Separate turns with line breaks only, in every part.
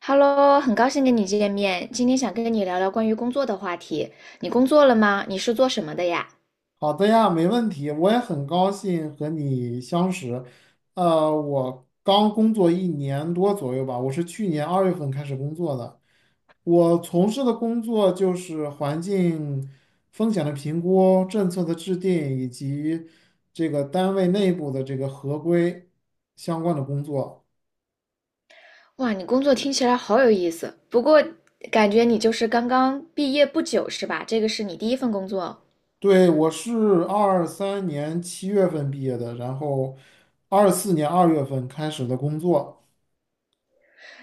Hello，很高兴跟你见面。今天想跟你聊聊关于工作的话题。你工作了吗？你是做什么的呀？
好的呀，没问题。我也很高兴和你相识。我刚工作一年多左右吧，我是去年二月份开始工作的。我从事的工作就是环境风险的评估、政策的制定以及这个单位内部的这个合规相关的工作。
哇，你工作听起来好有意思。不过感觉你就是刚刚毕业不久是吧？这个是你第一份工作。
对，我是二三年七月份毕业的，然后二四年二月份开始的工作。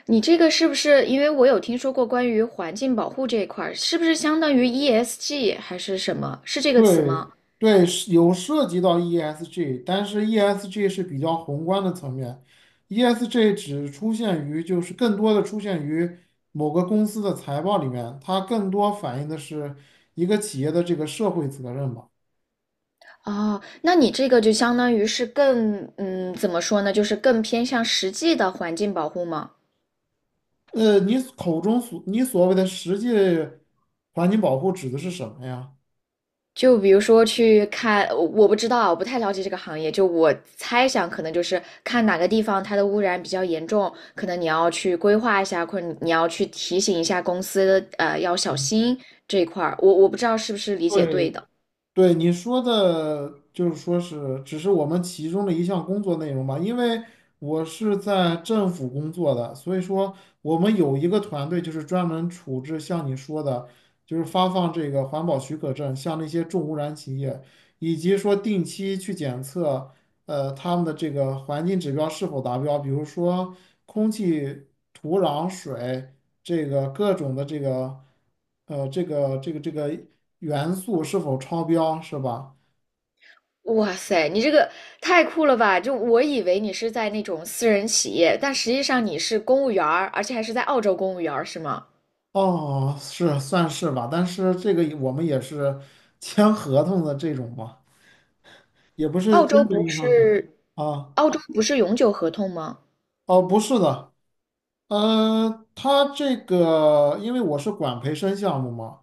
你这个是不是因为我有听说过关于环境保护这一块儿，是不是相当于 ESG 还是什么？是这个词
对
吗？
对，是有涉及到 ESG，但是 ESG 是比较宏观的层面，ESG 只出现于就是更多的出现于某个公司的财报里面，它更多反映的是一个企业的这个社会责任吧。
哦，那你这个就相当于是更，怎么说呢？就是更偏向实际的环境保护吗？
你所谓的实际环境保护指的是什么呀？
就比如说去看，我不知道啊我不太了解这个行业。就我猜想，可能就是看哪个地方它的污染比较严重，可能你要去规划一下，或者你要去提醒一下公司，要小心这一块儿。我不知道是不是理解对
对，
的。
对你说的，就是说是只是我们其中的一项工作内容吧，因为我是在政府工作的，所以说我们有一个团队就是专门处置像你说的，就是发放这个环保许可证，像那些重污染企业，以及说定期去检测。他们的这个环境指标是否达标，比如说空气、土壤、水，这个各种的这个，呃，这个这个这个元素是否超标，是吧？
哇塞，你这个太酷了吧！就我以为你是在那种私人企业，但实际上你是公务员儿，而且还是在澳洲公务员儿，是吗？
哦，是算是吧，但是这个我们也是 签合同的这种嘛，也不是
澳洲
真正
不
意义上的
是，
啊。
澳洲不是永久合同吗？
哦，不是的，他这个因为我是管培生项目嘛。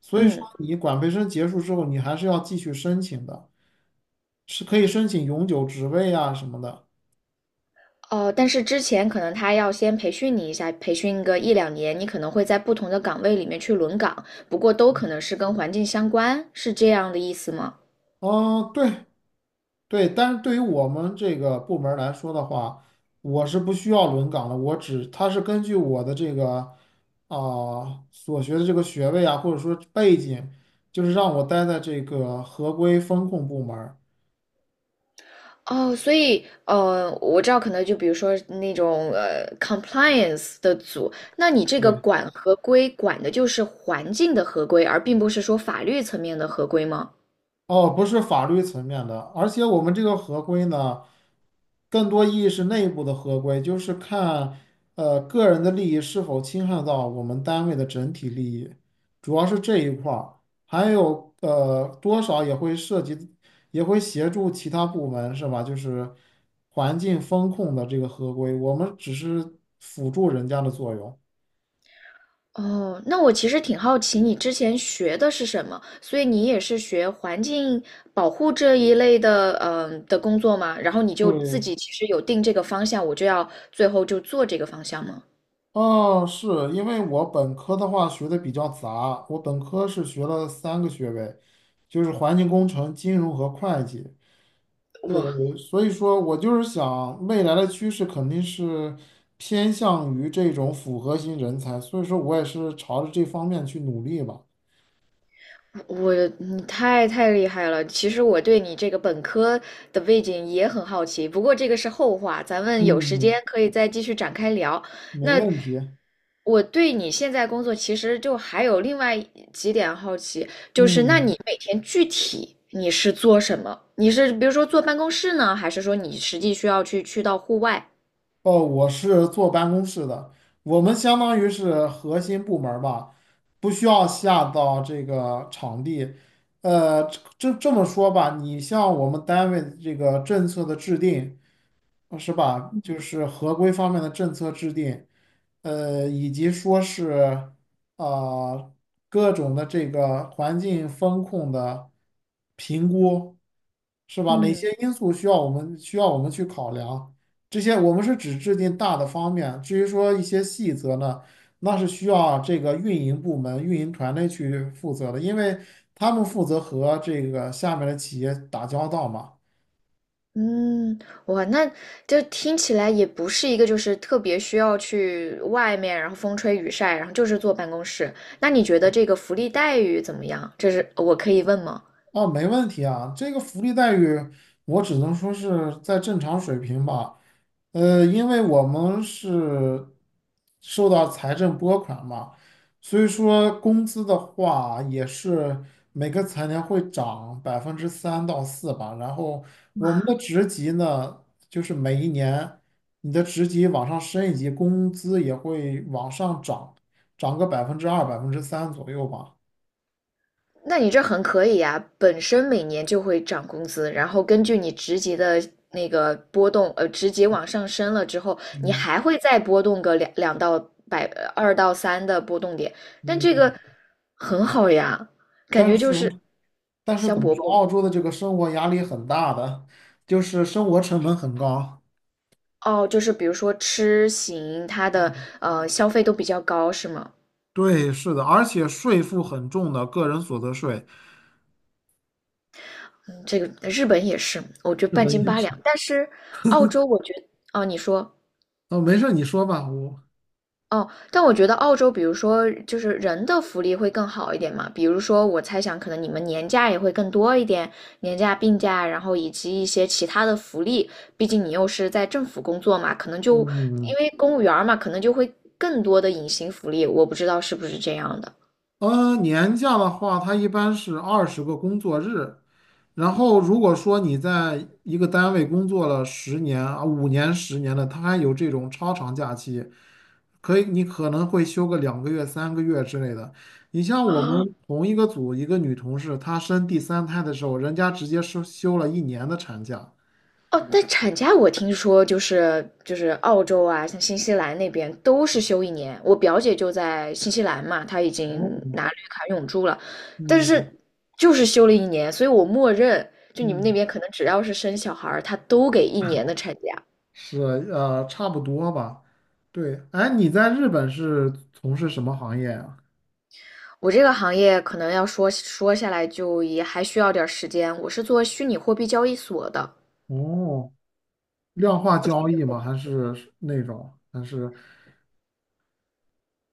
所以说，
嗯。
你管培生结束之后，你还是要继续申请的。是可以申请永久职位啊什么的。
哦，但是之前可能他要先培训你一下，培训个一两年，你可能会在不同的岗位里面去轮岗，不过都可能是跟环境相关，是这样的意思吗？
嗯，对，但是对于我们这个部门儿来说的话，我是不需要轮岗的，他是根据我的这个啊、所学的这个学位啊，或者说背景，就是让我待在这个合规风控部门儿。
哦，所以，我知道，可能就比如说那种compliance 的组，那你这个
对。
管合规管的就是环境的合规，而并不是说法律层面的合规吗？
哦，不是法律层面的，而且我们这个合规呢，更多意义是内部的合规，就是看个人的利益是否侵害到我们单位的整体利益，主要是这一块儿，还有多少也会涉及，也会协助其他部门是吧？就是环境风控的这个合规，我们只是辅助人家的作用。
哦，那我其实挺好奇你之前学的是什么，所以你也是学环境保护这一类的，的工作吗？然后你就自
对，
己其实有定这个方向，我就要最后就做这个方向吗？
哦，是因为我本科的话学的比较杂，我本科是学了三个学位，就是环境工程、金融和会计。呃，
哇，
所以说我就是想未来的趋势肯定是偏向于这种复合型人才，所以说我也是朝着这方面去努力吧。
我你太厉害了！其实我对你这个本科的背景也很好奇，不过这个是后话，咱们有时间
嗯，
可以再继续展开聊。
没
那
问题。
我对你现在工作其实就还有另外几点好奇，就是那
嗯。
你每天具体你是做什么？你是比如说坐办公室呢，还是说你实际需要去到户外？
哦，我是坐办公室的，我们相当于是核心部门儿吧，不需要下到这个场地。呃，这么说吧，你像我们单位这个政策的制定。是吧？就是合规方面的政策制定，以及说是啊、呃各种的这个环境风控的评估，是吧？哪
嗯。
些因素需要我们去考量？这些我们是只制定大的方面，至于说一些细则呢，那是需要这个运营部门、运营团队去负责的，因为他们负责和这个下面的企业打交道嘛。
嗯，哇，那这听起来也不是一个就是特别需要去外面，然后风吹雨晒，然后就是坐办公室。那你觉得这个福利待遇怎么样？这是我可以问吗？
哦，没问题啊，这个福利待遇我只能说是在正常水平吧。因为我们是受到财政拨款嘛，所以说工资的话也是每个财年会涨百分之三到四吧。然后我们的
哇。
职级呢，就是每一年你的职级往上升一级，工资也会往上涨，涨个百分之二、百分之三左右吧。
那你这很可以呀，本身每年就会涨工资，然后根据你职级的那个波动，职级往上升了之后，你
嗯
还会再波动个两两到百二到三的波动点，但这
嗯，
个很好呀，感
但
觉
是。
就是
但是
香
怎么
饽
说，
饽。
澳洲的这个生活压力很大的，就是生活成本很高。
哦，就是比如说吃行，它的消费都比较高，是吗？
对，是的，而且税负很重的，个人所得税。
嗯，这个日本也是，我觉得
日
半
本
斤
也
八
是。
两，但是澳洲我觉得哦，你说。
哦，没事你说吧，我。
哦，但我觉得澳洲，比如说就是人的福利会更好一点嘛，比如说我猜想可能你们年假也会更多一点，年假、病假，然后以及一些其他的福利，毕竟你又是在政府工作嘛，可能就因
嗯。
为公务员儿嘛，可能就会更多的隐形福利，我不知道是不是这样的。
年假的话，它一般是二十个工作日。然后，如果说你在一个单位工作了十年啊，五年、十年的，它还有这种超长假期，可以，你可能会休个两个月、三个月之类的。你像我们同一个组一个女同事，她生第三胎的时候，人家直接是休了一年的产假。
哦，但产假我听说就是澳洲啊，像新西兰那边都是休一年。我表姐就在新西兰嘛，她已经
哦，
拿绿卡永住了，但
嗯
是就是休了一年，所以我默认就你们那
嗯，
边可能只要是生小孩儿，他都给一年的产假。
是差不多吧。对，哎，你在日本是从事什么行业呀、
我这个行业可能要说说下来就也还需要点儿时间。我是做虚拟货币交易所的，
哦，量化交易吗？还是那种？还是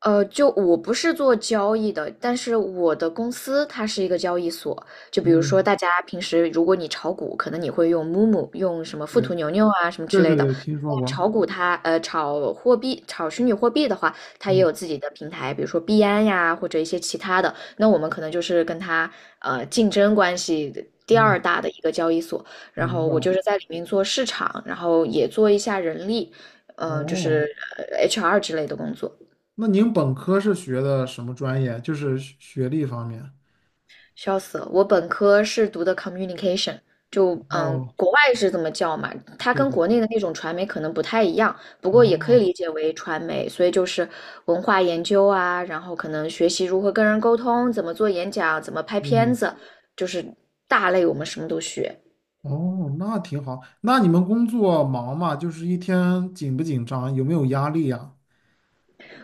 就我不是做交易的，但是我的公司它是一个交易所。就比如说，
嗯，
大家平时如果你炒股，可能你会用 MOMO 用什么富途
对
牛牛啊什么之
对对
类的。
对，听说
但
过。
炒股它炒货币、炒虚拟货币的话，它也
嗯
有自己的平台，比如说币安呀或者一些其他的。那我们可能就是跟它竞争关系第二
嗯，
大的一个交易所。然
明
后我
白。
就是在里面做市场，然后也做一下人力，就
哦，
是HR 之类的工作。
那您本科是学的什么专业？就是学学历方面。
笑死了！我本科是读的 communication，就
哦，
国外是这么叫嘛，它跟
对，
国内的那种传媒可能不太一样，不过也可以
哦，
理解为传媒，所以就是文化研究啊，然后可能学习如何跟人沟通，怎么做演讲，怎么拍片
嗯，
子，就是大类我们什么都学。
哦，那挺好。那你们工作忙吗？就是一天紧不紧张？有没有压力呀？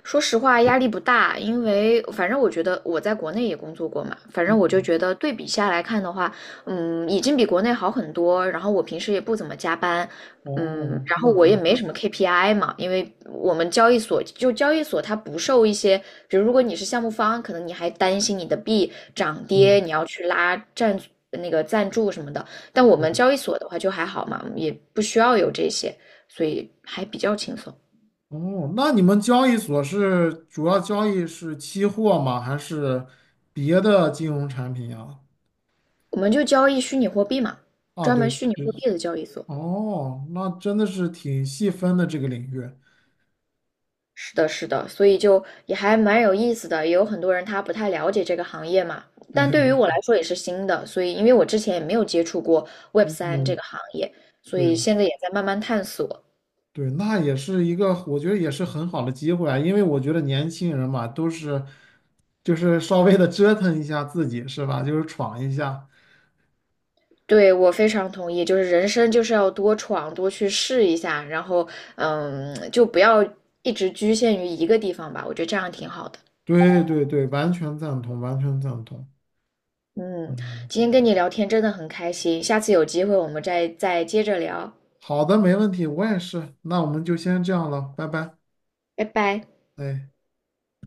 说实话，压力不大，因为反正我觉得我在国内也工作过嘛，反正我就
嗯，
觉得对比下来看的话，已经比国内好很多。然后我平时也不怎么加班，
哦，
然后
那
我
挺，
也没什么 KPI 嘛，因为我们交易所它不受一些，比如如果你是项目方，可能你还担心你的币涨
嗯，
跌，你要去那个赞助什么的。但我
对，
们交易所的话就还好嘛，也不需要有这些，所以还比较轻松。
哦，那你们交易所是主要交易是期货吗？还是别的金融产品呀？
我们就交易虚拟货币嘛，
啊，
专门
对，
虚拟
这
货币的交易所。
哦，那真的是挺细分的这个领域。
是的，是的，所以就也还蛮有意思的，也有很多人他不太了解这个行业嘛，但对于
对，
我来说也是新的，所以因为我之前也没有接触过 Web3这
嗯，
个行业，所以
对
现在也在慢慢探索。
对，那也是一个，我觉得也是很好的机会啊，因为我觉得年轻人嘛，都是就是稍微的折腾一下自己，是吧？就是闯一下。
对，我非常同意，就是人生就是要多闯，多去试一下，然后就不要一直局限于一个地方吧，我觉得这样挺好的。
对对对，完全赞同，完全赞同。
嗯，今天跟你聊天真的很开心，下次有机会我们再接着聊，
好的，没问题，我也是。那我们就先这样了，拜拜。
拜拜。
对，